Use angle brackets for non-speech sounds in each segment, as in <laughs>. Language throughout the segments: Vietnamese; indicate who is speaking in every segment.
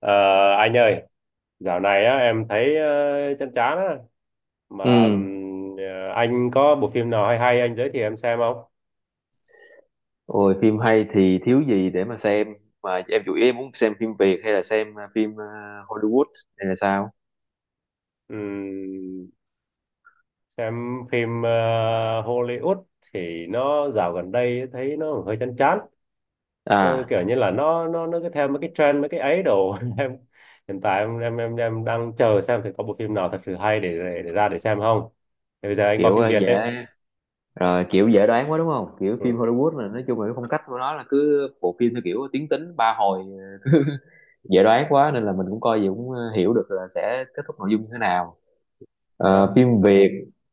Speaker 1: Ờ, anh ơi, dạo này á, em thấy chán chán á.
Speaker 2: Ừ,
Speaker 1: Mà anh có bộ phim nào hay hay anh giới thiệu em xem không?
Speaker 2: rồi phim hay thì thiếu gì để mà xem mà em chủ yếu em muốn xem phim Việt hay là xem phim Hollywood hay là sao?
Speaker 1: Ừm, xem phim Hollywood thì nó dạo gần đây thấy nó hơi chán chán. Ờ,
Speaker 2: À,
Speaker 1: kiểu như là nó cứ theo mấy cái trend mấy cái ấy đồ. <laughs> Em hiện tại em đang chờ xem thì có bộ phim nào thật sự hay để ra để xem không. Thì bây giờ anh có phim Việt đấy.
Speaker 2: dễ rồi kiểu dễ đoán quá đúng không? Kiểu
Speaker 1: Ừ,
Speaker 2: phim Hollywood là nói chung là cái phong cách của nó là cứ bộ phim theo kiểu tiến tính ba hồi dễ đoán quá nên là mình cũng coi gì cũng hiểu được là sẽ kết thúc nội dung như thế nào. Ờ,
Speaker 1: đó.
Speaker 2: phim Việt,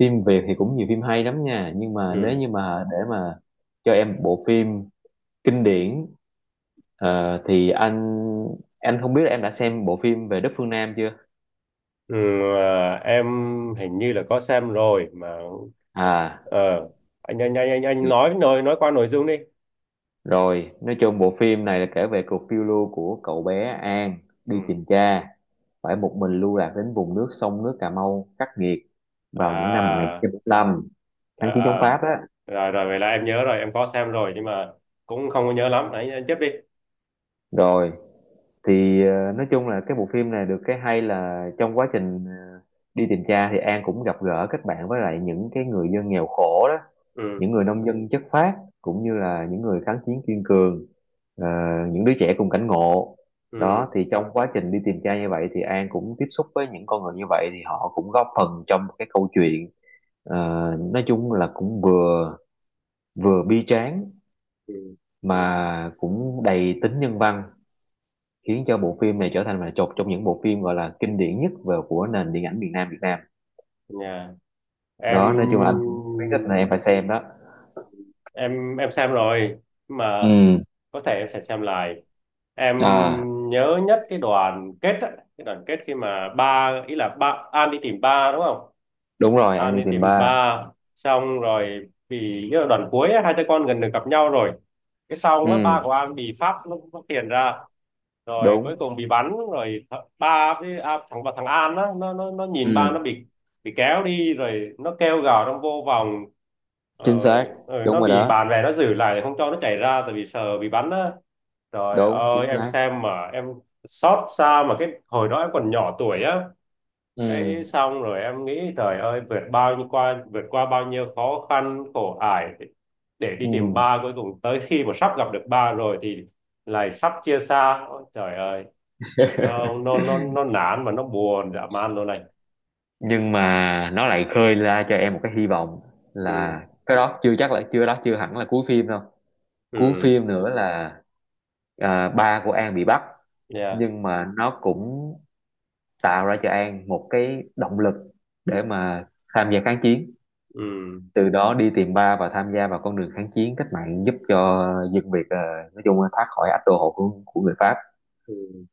Speaker 2: phim Việt thì cũng nhiều phim hay lắm nha, nhưng mà nếu
Speaker 1: Ừ.
Speaker 2: như mà để mà cho em bộ phim kinh điển. Thì anh không biết là em đã xem bộ phim về Đất Phương Nam chưa?
Speaker 1: Ừ, à, em hình như là có xem rồi mà.
Speaker 2: À,
Speaker 1: Ờ, anh, anh anh anh anh nói qua nội dung đi.
Speaker 2: rồi, nói chung bộ phim này là kể về cuộc phiêu lưu của cậu bé An
Speaker 1: Ừ.
Speaker 2: đi tìm cha, phải một mình lưu lạc đến vùng nước sông nước Cà Mau khắc nghiệt vào những năm
Speaker 1: À,
Speaker 2: 1945, kháng
Speaker 1: à,
Speaker 2: chiến chống
Speaker 1: à.
Speaker 2: Pháp á.
Speaker 1: Rồi rồi vậy là em nhớ rồi, em có xem rồi nhưng mà cũng không có nhớ lắm. Anh tiếp đi.
Speaker 2: Rồi, thì nói chung là cái bộ phim này được cái hay là trong quá trình đi tìm cha thì An cũng gặp gỡ kết bạn với lại những cái người dân nghèo khổ đó,
Speaker 1: Ừ,
Speaker 2: những người nông dân chất phác, cũng như là những người kháng chiến kiên cường, ờ, những đứa trẻ cùng cảnh ngộ. Đó
Speaker 1: ừ,
Speaker 2: thì trong quá trình đi tìm cha như vậy thì An cũng tiếp xúc với những con người như vậy thì họ cũng góp phần trong cái câu chuyện. ờ, nói chung là cũng vừa vừa bi tráng
Speaker 1: ừ.
Speaker 2: mà cũng đầy tính nhân văn, khiến cho bộ phim này trở thành là một trong những bộ phim gọi là kinh điển nhất về của nền điện ảnh miền Nam Việt Nam.
Speaker 1: Nhà em,
Speaker 2: Đó, nói chung là anh cũng khuyến khích là em phải xem đó.
Speaker 1: em xem rồi mà
Speaker 2: Ừ,
Speaker 1: có thể em sẽ xem lại. Em
Speaker 2: à
Speaker 1: nhớ nhất cái đoàn kết á, cái đoàn kết khi mà ba ý là ba An đi tìm ba, đúng không?
Speaker 2: đúng rồi, An
Speaker 1: An
Speaker 2: đi
Speaker 1: đi
Speaker 2: tìm
Speaker 1: tìm
Speaker 2: ba.
Speaker 1: ba, xong rồi vì cái đoạn cuối ấy, hai cha con gần được gặp nhau rồi. Cái xong á,
Speaker 2: Ừ,
Speaker 1: ba của An bị Pháp nó tiền ra rồi cuối
Speaker 2: đúng.
Speaker 1: cùng bị bắn rồi. Ba với thằng và thằng An á, nó nhìn ba
Speaker 2: Ừ,
Speaker 1: nó bị kéo đi rồi nó kêu gào trong vô vòng.
Speaker 2: chính xác.
Speaker 1: Rồi
Speaker 2: Đúng
Speaker 1: nó
Speaker 2: rồi
Speaker 1: bị
Speaker 2: đó.
Speaker 1: bạn bè nó giữ lại không cho nó chạy ra tại vì sợ bị bắn á. Trời
Speaker 2: Đúng, chính
Speaker 1: ơi em
Speaker 2: xác.
Speaker 1: xem mà em xót xa, mà cái hồi đó em còn nhỏ tuổi á.
Speaker 2: Ừ,
Speaker 1: Cái xong rồi em nghĩ trời ơi, vượt bao nhiêu qua vượt qua bao nhiêu khó khăn khổ ải để đi
Speaker 2: ừ.
Speaker 1: tìm ba, cuối cùng tới khi mà sắp gặp được ba rồi thì lại sắp chia xa. Ôi, trời ơi,
Speaker 2: <laughs>
Speaker 1: nó nản mà nó buồn dã man luôn này.
Speaker 2: Nhưng mà nó lại khơi ra cho em một cái hy vọng là
Speaker 1: Ừ,
Speaker 2: cái đó chưa chắc là chưa đó chưa hẳn là cuối phim đâu. Cuối
Speaker 1: ừ.
Speaker 2: phim nữa là ba của An bị bắt,
Speaker 1: Yeah.
Speaker 2: nhưng mà nó cũng tạo ra cho An một cái động lực để mà tham gia kháng chiến,
Speaker 1: Ừ,
Speaker 2: từ đó đi tìm ba và tham gia vào con đường kháng chiến cách mạng, giúp cho dân Việt nói chung là thoát khỏi ách đô hộ của người Pháp.
Speaker 1: ừ.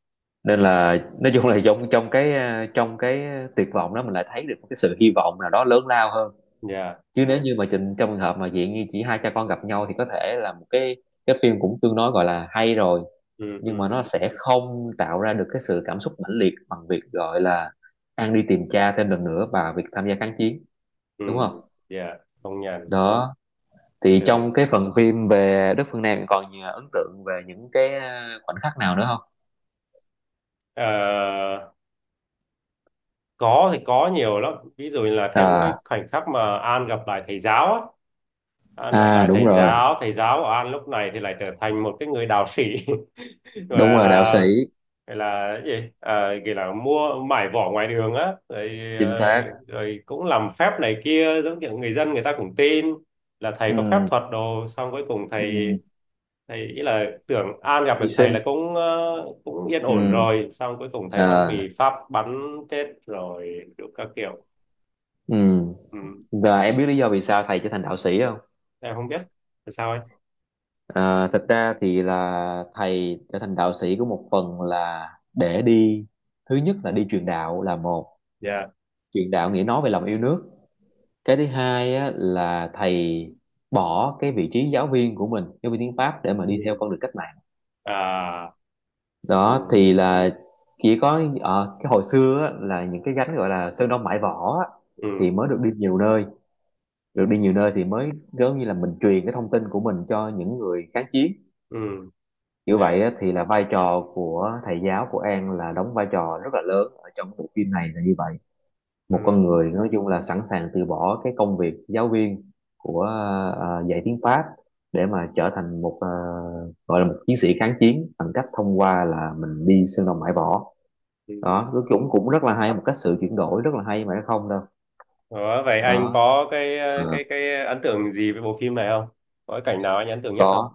Speaker 2: Nên là nói chung là trong trong cái, trong cái tuyệt vọng đó mình lại thấy được một cái sự hy vọng nào đó lớn lao hơn.
Speaker 1: Yeah.
Speaker 2: Chứ nếu như mà trình trong trường hợp mà dạng như chỉ hai cha con gặp nhau thì có thể là một cái phim cũng tương đối, gọi là, hay rồi,
Speaker 1: Ừ,
Speaker 2: nhưng mà
Speaker 1: ừ,
Speaker 2: nó sẽ không tạo ra được cái sự cảm xúc mãnh liệt bằng việc, gọi là, An đi tìm cha thêm lần nữa và việc tham gia kháng chiến,
Speaker 1: ừ.
Speaker 2: đúng không?
Speaker 1: Yeah, công nhận.
Speaker 2: Đó, thì
Speaker 1: Ừ.
Speaker 2: trong cái phần phim về Đất Phương Nam còn gì ấn tượng về những cái, khoảnh khắc nào nữa không?
Speaker 1: Ờ, có thì có nhiều lắm, ví dụ là thêm
Speaker 2: Ờ,
Speaker 1: cái khoảnh khắc mà An gặp lại thầy giáo á. An gặp
Speaker 2: à,
Speaker 1: lại thầy giáo của An lúc này thì lại trở thành một cái người đạo sĩ. <laughs>
Speaker 2: đúng
Speaker 1: gọi
Speaker 2: rồi, đạo sĩ,
Speaker 1: là gọi là cái gì à, gọi là mua mải vỏ ngoài đường á rồi,
Speaker 2: chính xác.
Speaker 1: rồi cũng làm phép này kia giống kiểu người dân người ta cũng tin là thầy có phép
Speaker 2: Ừm,
Speaker 1: thuật đồ. Xong cuối cùng thầy
Speaker 2: ừm,
Speaker 1: thầy ý là tưởng An gặp
Speaker 2: Hy
Speaker 1: được thầy
Speaker 2: sinh.
Speaker 1: là cũng cũng yên ổn
Speaker 2: Ừm,
Speaker 1: rồi, xong cuối cùng thầy
Speaker 2: à,
Speaker 1: vẫn bị pháp bắn chết rồi đủ các kiểu.
Speaker 2: ừm.
Speaker 1: Ừ.
Speaker 2: Và em biết lý do vì sao thầy trở thành đạo sĩ không?
Speaker 1: Em không biết, là sao ấy.
Speaker 2: À, thật ra thì là thầy trở thành đạo sĩ của một phần là để đi, thứ nhất là đi truyền đạo là một,
Speaker 1: Dạ.
Speaker 2: truyền đạo nghĩa nói về lòng yêu nước. Cái thứ hai á, là thầy bỏ cái vị trí giáo viên của mình, giáo viên tiếng Pháp, để mà đi theo
Speaker 1: Ừ.
Speaker 2: con đường cách mạng.
Speaker 1: À. Ừ.
Speaker 2: Đó thì là chỉ có ở cái hồi xưa á, là những cái gánh gọi là sơn đông mãi võ á, thì
Speaker 1: Ừ,
Speaker 2: mới được đi nhiều nơi, được đi nhiều nơi thì mới giống như là mình truyền cái thông tin của mình cho những người kháng chiến.
Speaker 1: ừ.
Speaker 2: Như
Speaker 1: Dạ.
Speaker 2: vậy thì là vai trò của thầy giáo của An là đóng vai trò rất là lớn ở trong bộ phim này là như vậy. Một con
Speaker 1: Ừ.
Speaker 2: người nói chung là sẵn sàng từ bỏ cái công việc giáo viên của dạy tiếng Pháp để mà trở thành một gọi là một chiến sĩ kháng chiến bằng cách thông qua là mình đi sơn đồng bãi võ.
Speaker 1: Ừ.
Speaker 2: Đó, nó cũng cũng rất là hay, một cách sự chuyển đổi rất là hay mà nó không đâu
Speaker 1: Đó, vậy anh
Speaker 2: đó.
Speaker 1: có cái
Speaker 2: Ờ,
Speaker 1: cái cái ấn tượng gì với bộ phim này không, có cái cảnh nào anh ấn tượng nhất
Speaker 2: có
Speaker 1: không?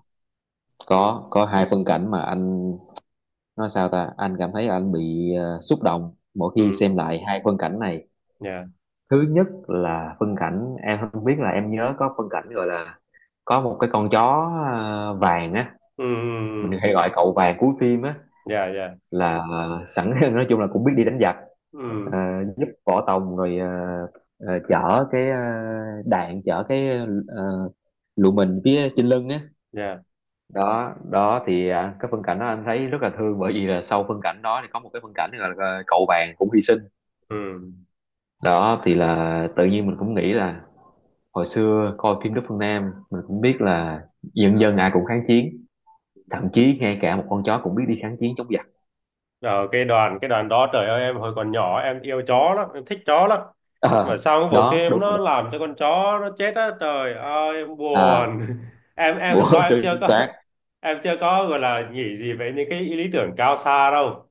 Speaker 1: Ừ,
Speaker 2: có hai phân cảnh mà anh nói sao ta, anh cảm thấy anh bị xúc động mỗi khi
Speaker 1: ừ.
Speaker 2: xem lại hai phân cảnh này.
Speaker 1: Dạ.
Speaker 2: Thứ nhất là phân cảnh, em không biết là em nhớ có phân cảnh gọi là có một cái con chó vàng á,
Speaker 1: Ừ.
Speaker 2: mình hay gọi cậu vàng cuối phim á,
Speaker 1: Dạ, dạ.
Speaker 2: là sẵn <laughs> nói chung là cũng biết đi đánh giặc, ờ,
Speaker 1: Ừ.
Speaker 2: giúp Võ Tòng rồi chở cái đạn, chở cái ờ, lụa mình phía trên lưng á.
Speaker 1: Dạ.
Speaker 2: Đó đó thì à, cái phân cảnh đó anh thấy rất là thương, bởi vì là sau phân cảnh đó thì có một cái phân cảnh gọi là cậu vàng cũng hy sinh.
Speaker 1: Ừ.
Speaker 2: Đó thì là tự nhiên mình cũng nghĩ là hồi xưa coi phim Đức Phương Nam mình cũng biết là dân dân ai cũng kháng chiến, thậm chí ngay cả một con chó cũng biết đi kháng chiến chống giặc.
Speaker 1: Ở cái đoàn đó trời ơi em hồi còn nhỏ em yêu chó lắm, em thích chó lắm,
Speaker 2: Ờ,
Speaker 1: mà sau cái bộ
Speaker 2: đó
Speaker 1: phim
Speaker 2: đúng rồi
Speaker 1: nó
Speaker 2: đó.
Speaker 1: làm cho con chó nó chết á, trời ơi em
Speaker 2: À
Speaker 1: buồn. <laughs> Em lúc
Speaker 2: bữa
Speaker 1: đó
Speaker 2: <laughs>
Speaker 1: em
Speaker 2: đưa
Speaker 1: chưa
Speaker 2: chính
Speaker 1: có.
Speaker 2: xác.
Speaker 1: <laughs> Em chưa có gọi là nghĩ gì về những cái lý tưởng cao xa đâu,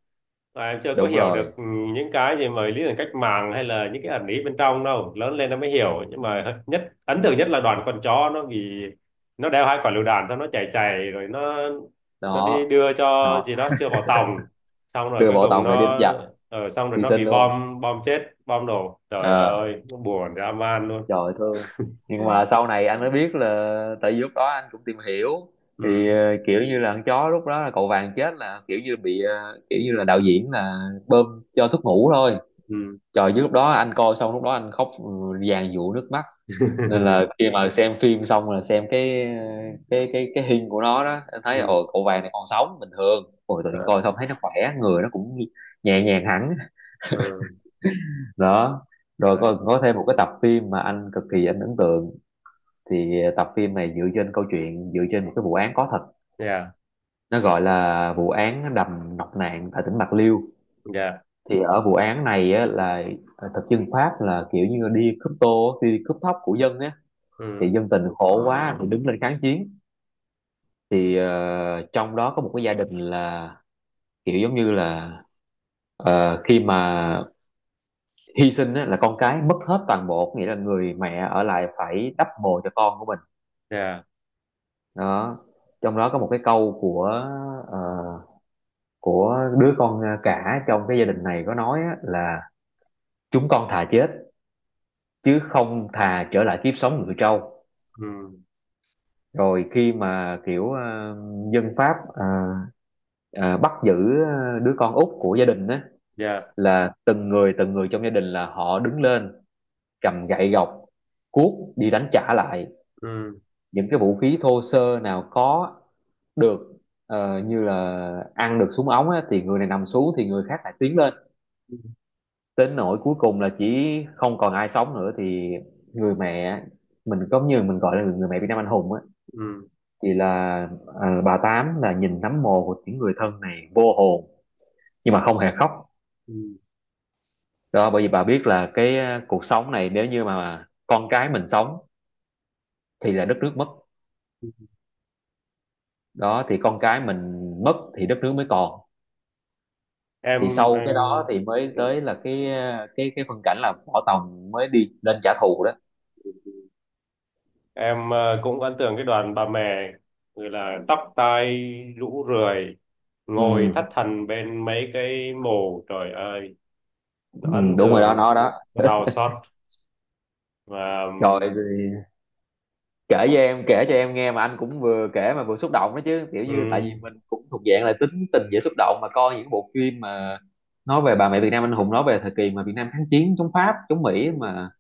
Speaker 1: và em chưa có
Speaker 2: Đúng
Speaker 1: hiểu được
Speaker 2: rồi.
Speaker 1: những cái gì mà lý tưởng cách mạng hay là những cái ẩn ý bên trong đâu. Lớn lên em mới hiểu, nhưng
Speaker 2: Ừ,
Speaker 1: mà nhất ấn
Speaker 2: ừ.
Speaker 1: tượng nhất là đoàn con chó nó bị, nó đeo hai quả lựu đạn xong nó chạy chạy rồi nó đi
Speaker 2: Đó
Speaker 1: đưa cho
Speaker 2: đó,
Speaker 1: gì đó chưa vào tòng. Xong rồi
Speaker 2: đưa
Speaker 1: cuối
Speaker 2: bộ
Speaker 1: cùng
Speaker 2: Tòng để đi đánh
Speaker 1: nó
Speaker 2: giặc,
Speaker 1: xong rồi
Speaker 2: hy
Speaker 1: nó
Speaker 2: sinh
Speaker 1: bị
Speaker 2: luôn.
Speaker 1: bom bom chết bom đổ trời
Speaker 2: Ờ,
Speaker 1: ơi nó buồn dã man luôn.
Speaker 2: trời ơi, thương. Nhưng mà sau này anh mới biết là tại vì lúc đó anh cũng tìm hiểu, thì
Speaker 1: Ừ,
Speaker 2: kiểu như là con chó lúc đó là cậu vàng chết là kiểu như bị kiểu như là đạo diễn là bơm cho thuốc ngủ thôi.
Speaker 1: ừ.
Speaker 2: Trời, chứ lúc đó anh coi xong lúc đó anh khóc ừ, dàn dụa nước mắt. Nên
Speaker 1: <laughs>
Speaker 2: là khi mà xem phim xong là xem cái cái hình của nó đó anh thấy,
Speaker 1: Ừ.
Speaker 2: ồ cậu vàng này còn sống bình thường, ôi tự
Speaker 1: ờ,
Speaker 2: nhiên coi xong thấy nó khỏe, người nó cũng nhẹ nhàng hẳn.
Speaker 1: ừ.
Speaker 2: <laughs> Đó, rồi
Speaker 1: Rồi.
Speaker 2: có thêm một cái tập phim mà anh cực kỳ anh ấn tượng. Thì tập phim này dựa trên câu chuyện, dựa trên một cái vụ án có thật,
Speaker 1: Dạ,
Speaker 2: nó gọi là vụ án đầm Nọc Nạn tại tỉnh Bạc Liêu.
Speaker 1: dạ.
Speaker 2: Thì ở vụ án này á, là thực dân Pháp là kiểu như đi cướp tô đi cướp thóc của dân á, thì
Speaker 1: Ừ.
Speaker 2: dân tình khổ quá thì đứng lên kháng chiến. Thì trong đó có một cái gia đình là kiểu giống như là khi mà hy sinh á, là con cái mất hết toàn bộ, nghĩa là người mẹ ở lại phải đắp bồ cho con của mình.
Speaker 1: Dạ.
Speaker 2: Đó, trong đó có một cái câu của ờ, của đứa con cả trong cái gia đình này có nói á, là chúng con thà chết chứ không thà trở lại kiếp sống người trâu.
Speaker 1: Ừ.
Speaker 2: Rồi khi mà kiểu dân Pháp ờ, bắt giữ đứa con út của gia đình á,
Speaker 1: Dạ.
Speaker 2: là từng người trong gia đình là họ đứng lên cầm gậy gộc cuốc đi đánh trả lại,
Speaker 1: Ừ,
Speaker 2: những cái vũ khí thô sơ nào có được, như là ăn được súng ống á, thì người này nằm xuống thì người khác lại tiến lên,
Speaker 1: ừ,
Speaker 2: đến nỗi cuối cùng là chỉ không còn ai sống nữa. Thì người mẹ, mình có như mình gọi là người mẹ Việt Nam anh hùng á,
Speaker 1: ừ.
Speaker 2: thì là bà Tám là nhìn nấm mồ của những người thân này vô hồn nhưng mà không hề khóc. Đó, bởi vì bà biết là cái cuộc sống này nếu như mà con cái mình sống thì là đất nước mất.
Speaker 1: Ừ.
Speaker 2: Đó thì con cái mình mất thì đất nước mới còn.
Speaker 1: em
Speaker 2: Thì sau cái
Speaker 1: em
Speaker 2: đó thì mới
Speaker 1: ừ.
Speaker 2: tới là cái cái phân cảnh là Võ Tòng mới đi lên trả thù đó.
Speaker 1: Em cũng ấn tượng cái đoàn bà mẹ, người là tóc tai rũ rượi, ngồi
Speaker 2: Ừ,
Speaker 1: thất thần bên mấy cái mồ trời ơi,
Speaker 2: ừ
Speaker 1: nó ấn
Speaker 2: đúng rồi đó
Speaker 1: tượng,
Speaker 2: nó đó.
Speaker 1: nó đau xót. Và
Speaker 2: Trời, thì kể cho em, kể cho em nghe mà anh cũng vừa kể mà vừa xúc động đó chứ, kiểu như tại vì
Speaker 1: um,
Speaker 2: mình cũng thuộc dạng là tính tình dễ xúc động mà coi những bộ phim mà nói về bà mẹ Việt Nam anh hùng, nói về thời kỳ mà Việt Nam kháng chiến chống Pháp chống Mỹ mà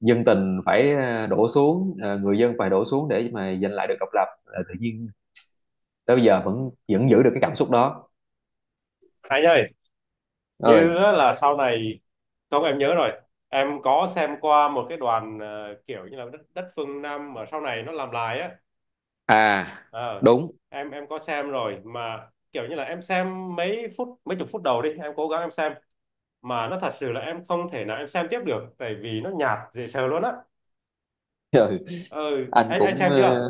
Speaker 2: dân tình phải đổ xuống người dân phải đổ xuống để mà giành lại được độc lập. Ờ, tự nhiên tới bây giờ vẫn vẫn giữ được cái cảm xúc đó.
Speaker 1: anh ơi,
Speaker 2: Ơi,
Speaker 1: như á là sau này, không em nhớ rồi, em có xem qua một cái đoàn kiểu như là đất phương Nam mà sau này nó làm lại á.
Speaker 2: à
Speaker 1: Ờ,
Speaker 2: đúng.
Speaker 1: em có xem rồi mà kiểu như là em xem mấy phút, mấy chục phút đầu đi em cố gắng em xem, mà nó thật sự là em không thể nào em xem tiếp được tại vì nó nhạt dễ sợ luôn á.
Speaker 2: <laughs> Ừ.
Speaker 1: Ừ,
Speaker 2: Anh
Speaker 1: anh
Speaker 2: cũng
Speaker 1: xem chưa?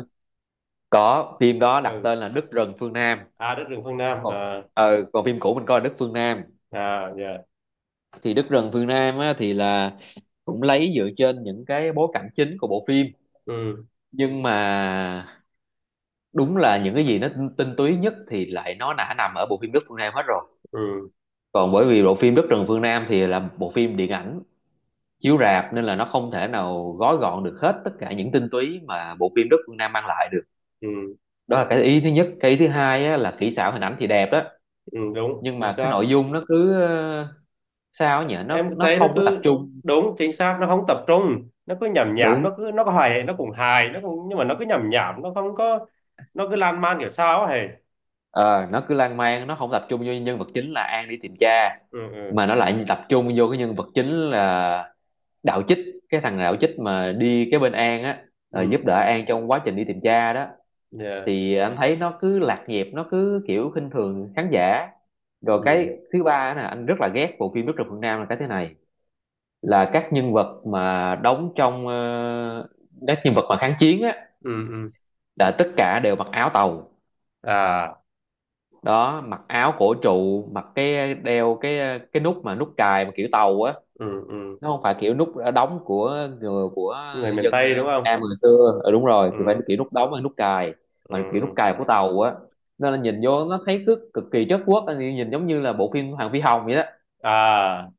Speaker 2: có phim đó đặt
Speaker 1: Ừ.
Speaker 2: tên là Đất rừng phương Nam.
Speaker 1: À, đất rừng phương Nam
Speaker 2: Còn
Speaker 1: à.
Speaker 2: còn phim cũ mình coi là Đất phương Nam.
Speaker 1: À, dạ.
Speaker 2: Thì Đất rừng phương Nam á, thì là cũng lấy dựa trên những cái bối cảnh chính của bộ phim,
Speaker 1: Ừ,
Speaker 2: nhưng mà đúng là những cái gì tinh túy nhất thì lại nó đã nằm ở bộ phim Đất phương Nam hết rồi.
Speaker 1: ừ.
Speaker 2: Còn bởi vì bộ phim Đất rừng phương Nam thì là bộ phim điện ảnh chiếu rạp nên là nó không thể nào gói gọn được hết tất cả những tinh túy mà bộ phim Đất phương Nam mang lại được.
Speaker 1: Ừ,
Speaker 2: Đó là cái ý thứ nhất. Cái ý thứ hai á, là kỹ xảo hình ảnh thì đẹp đó,
Speaker 1: ừ. Đúng
Speaker 2: nhưng
Speaker 1: chính
Speaker 2: mà cái
Speaker 1: xác.
Speaker 2: nội dung nó cứ sao nhỉ, nó
Speaker 1: Em
Speaker 2: nó
Speaker 1: thấy nó
Speaker 2: không có tập
Speaker 1: cứ,
Speaker 2: trung.
Speaker 1: đúng chính xác, nó không tập trung, nó cứ nhảm nhảm,
Speaker 2: Đúng.
Speaker 1: nó có hài nó cũng nhưng mà nó cứ nhảm nhảm, nó không có. Nó cứ lan man kiểu sao ấy hề.
Speaker 2: Ờ, nó cứ lan man, nó không tập trung vô nhân vật chính là An đi tìm cha,
Speaker 1: Ừ, ừ,
Speaker 2: mà nó lại tập trung vô cái nhân vật chính là Đạo Chích. Cái thằng Đạo Chích mà đi cái bên An á, giúp
Speaker 1: ừ.
Speaker 2: đỡ An trong quá trình đi tìm cha đó,
Speaker 1: Yeah.
Speaker 2: thì anh thấy nó cứ lạc nhịp, nó cứ kiểu khinh thường khán giả. Rồi
Speaker 1: Ừ,
Speaker 2: cái thứ ba nè, anh rất là ghét bộ phim Đức Rực Phương Nam là cái thế này: là các nhân vật mà đóng trong các nhân vật mà kháng chiến á,
Speaker 1: ừ, ừ.
Speaker 2: là tất cả đều mặc áo tàu.
Speaker 1: À.
Speaker 2: Đó mặc áo cổ trụ, mặc cái đeo cái cái nút mà nút cài mà kiểu tàu á.
Speaker 1: Ừ, ừ.
Speaker 2: Nó không phải kiểu nút đóng của người của
Speaker 1: Người miền
Speaker 2: dân
Speaker 1: Tây đúng
Speaker 2: Việt
Speaker 1: không?
Speaker 2: Nam hồi xưa. Ừ, đúng rồi, thì
Speaker 1: Ừ,
Speaker 2: phải kiểu nút đóng hay nút cài,
Speaker 1: ừ,
Speaker 2: mà kiểu nút
Speaker 1: ừ.
Speaker 2: cài của tàu á. Nên là nhìn vô nó thấy cứ cực kỳ chất quốc, nhìn giống như là bộ phim Hoàng Phi Hồng vậy đó.
Speaker 1: À.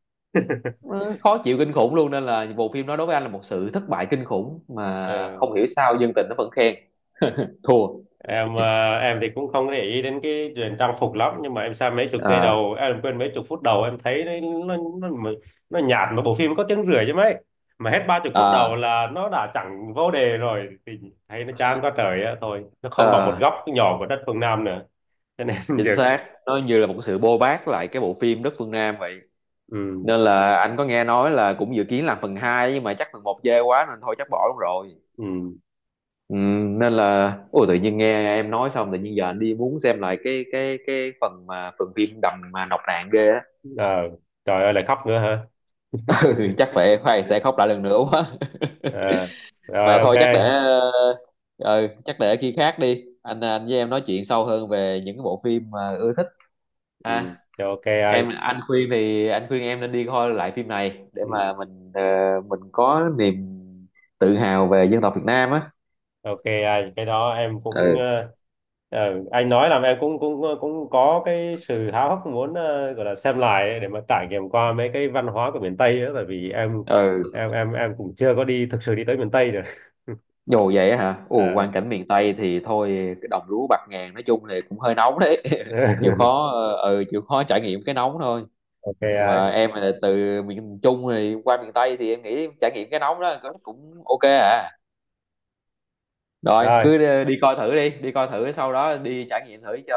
Speaker 2: Nó khó chịu kinh khủng luôn, nên là bộ phim đó đối với anh là một sự thất bại kinh khủng, mà
Speaker 1: Ừ.
Speaker 2: không hiểu sao dân tình nó vẫn khen. Thua.
Speaker 1: Em thì cũng không để ý đến cái chuyện trang phục lắm, nhưng mà em xem mấy chục giây
Speaker 2: À,
Speaker 1: đầu em quên, mấy chục phút đầu em thấy nó, nó nhạt. Mà bộ phim có tiếng rưỡi chứ mấy, mà hết ba chục phút đầu
Speaker 2: à,
Speaker 1: là nó đã chẳng vô đề rồi thì thấy nó chán quá trời á, thôi nó không bằng một
Speaker 2: à,
Speaker 1: góc nhỏ của đất phương Nam nữa. Cho nên <laughs>
Speaker 2: chính
Speaker 1: giờ.
Speaker 2: xác, nó như là một sự bôi bác lại cái bộ phim Đất Phương Nam vậy.
Speaker 1: Ừ,
Speaker 2: Nên là anh có nghe nói là cũng dự kiến làm phần hai, nhưng mà chắc phần một chê quá nên thôi chắc bỏ luôn rồi.
Speaker 1: ừ.
Speaker 2: Ừ, nên là ôi, tự nhiên nghe em nói xong tự nhiên giờ anh đi muốn xem lại cái cái phần mà phần phim đầm mà nọc nạn ghê á.
Speaker 1: Ờ, trời ơi lại khóc nữa hả.
Speaker 2: <laughs> Ừ, chắc phải phải sẽ khóc lại lần nữa quá.
Speaker 1: À, rồi,
Speaker 2: Mà
Speaker 1: ok.
Speaker 2: thôi chắc để chắc để khi khác đi, anh với em nói chuyện sâu hơn về những cái bộ phim mà ưa thích
Speaker 1: Ừ.
Speaker 2: ha.
Speaker 1: Rồi, ok anh.
Speaker 2: Em, anh khuyên thì anh khuyên em nên đi coi lại phim này để mà
Speaker 1: Ừ.
Speaker 2: mình mình có niềm tự hào về dân tộc Việt Nam á.
Speaker 1: Ok anh, cái đó em cũng
Speaker 2: Ừ,
Speaker 1: anh nói làm em cũng cũng cũng có cái sự háo hức muốn gọi là xem lại ấy, để mà trải nghiệm qua mấy cái văn hóa của miền Tây ấy, tại vì em
Speaker 2: ừ.
Speaker 1: em em em cũng chưa có đi thực sự đi tới miền Tây được. <laughs>
Speaker 2: Dù vậy á hả? Ồ,
Speaker 1: Ờ.
Speaker 2: quang cảnh miền Tây thì thôi, cái đồng lúa bạc ngàn, nói chung thì cũng hơi nóng đấy. <laughs> Chịu
Speaker 1: <laughs>
Speaker 2: khó ừ chịu khó trải nghiệm cái nóng thôi.
Speaker 1: Ok
Speaker 2: Mà
Speaker 1: anh.
Speaker 2: em là từ miền Trung rồi qua miền Tây thì em nghĩ trải nghiệm cái nóng đó cũng cũng ok à. Rồi
Speaker 1: Rồi,
Speaker 2: cứ đi, đi coi thử, đi đi coi thử, sau đó đi trải nghiệm thử cho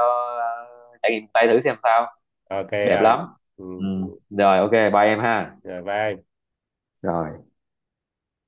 Speaker 2: trải nghiệm Tây thử xem sao.
Speaker 1: ok
Speaker 2: Đẹp
Speaker 1: anh.
Speaker 2: lắm.
Speaker 1: Ừ,
Speaker 2: Ừ,
Speaker 1: ừ.
Speaker 2: rồi ok, bye em ha.
Speaker 1: Rồi, bye anh.
Speaker 2: Rồi.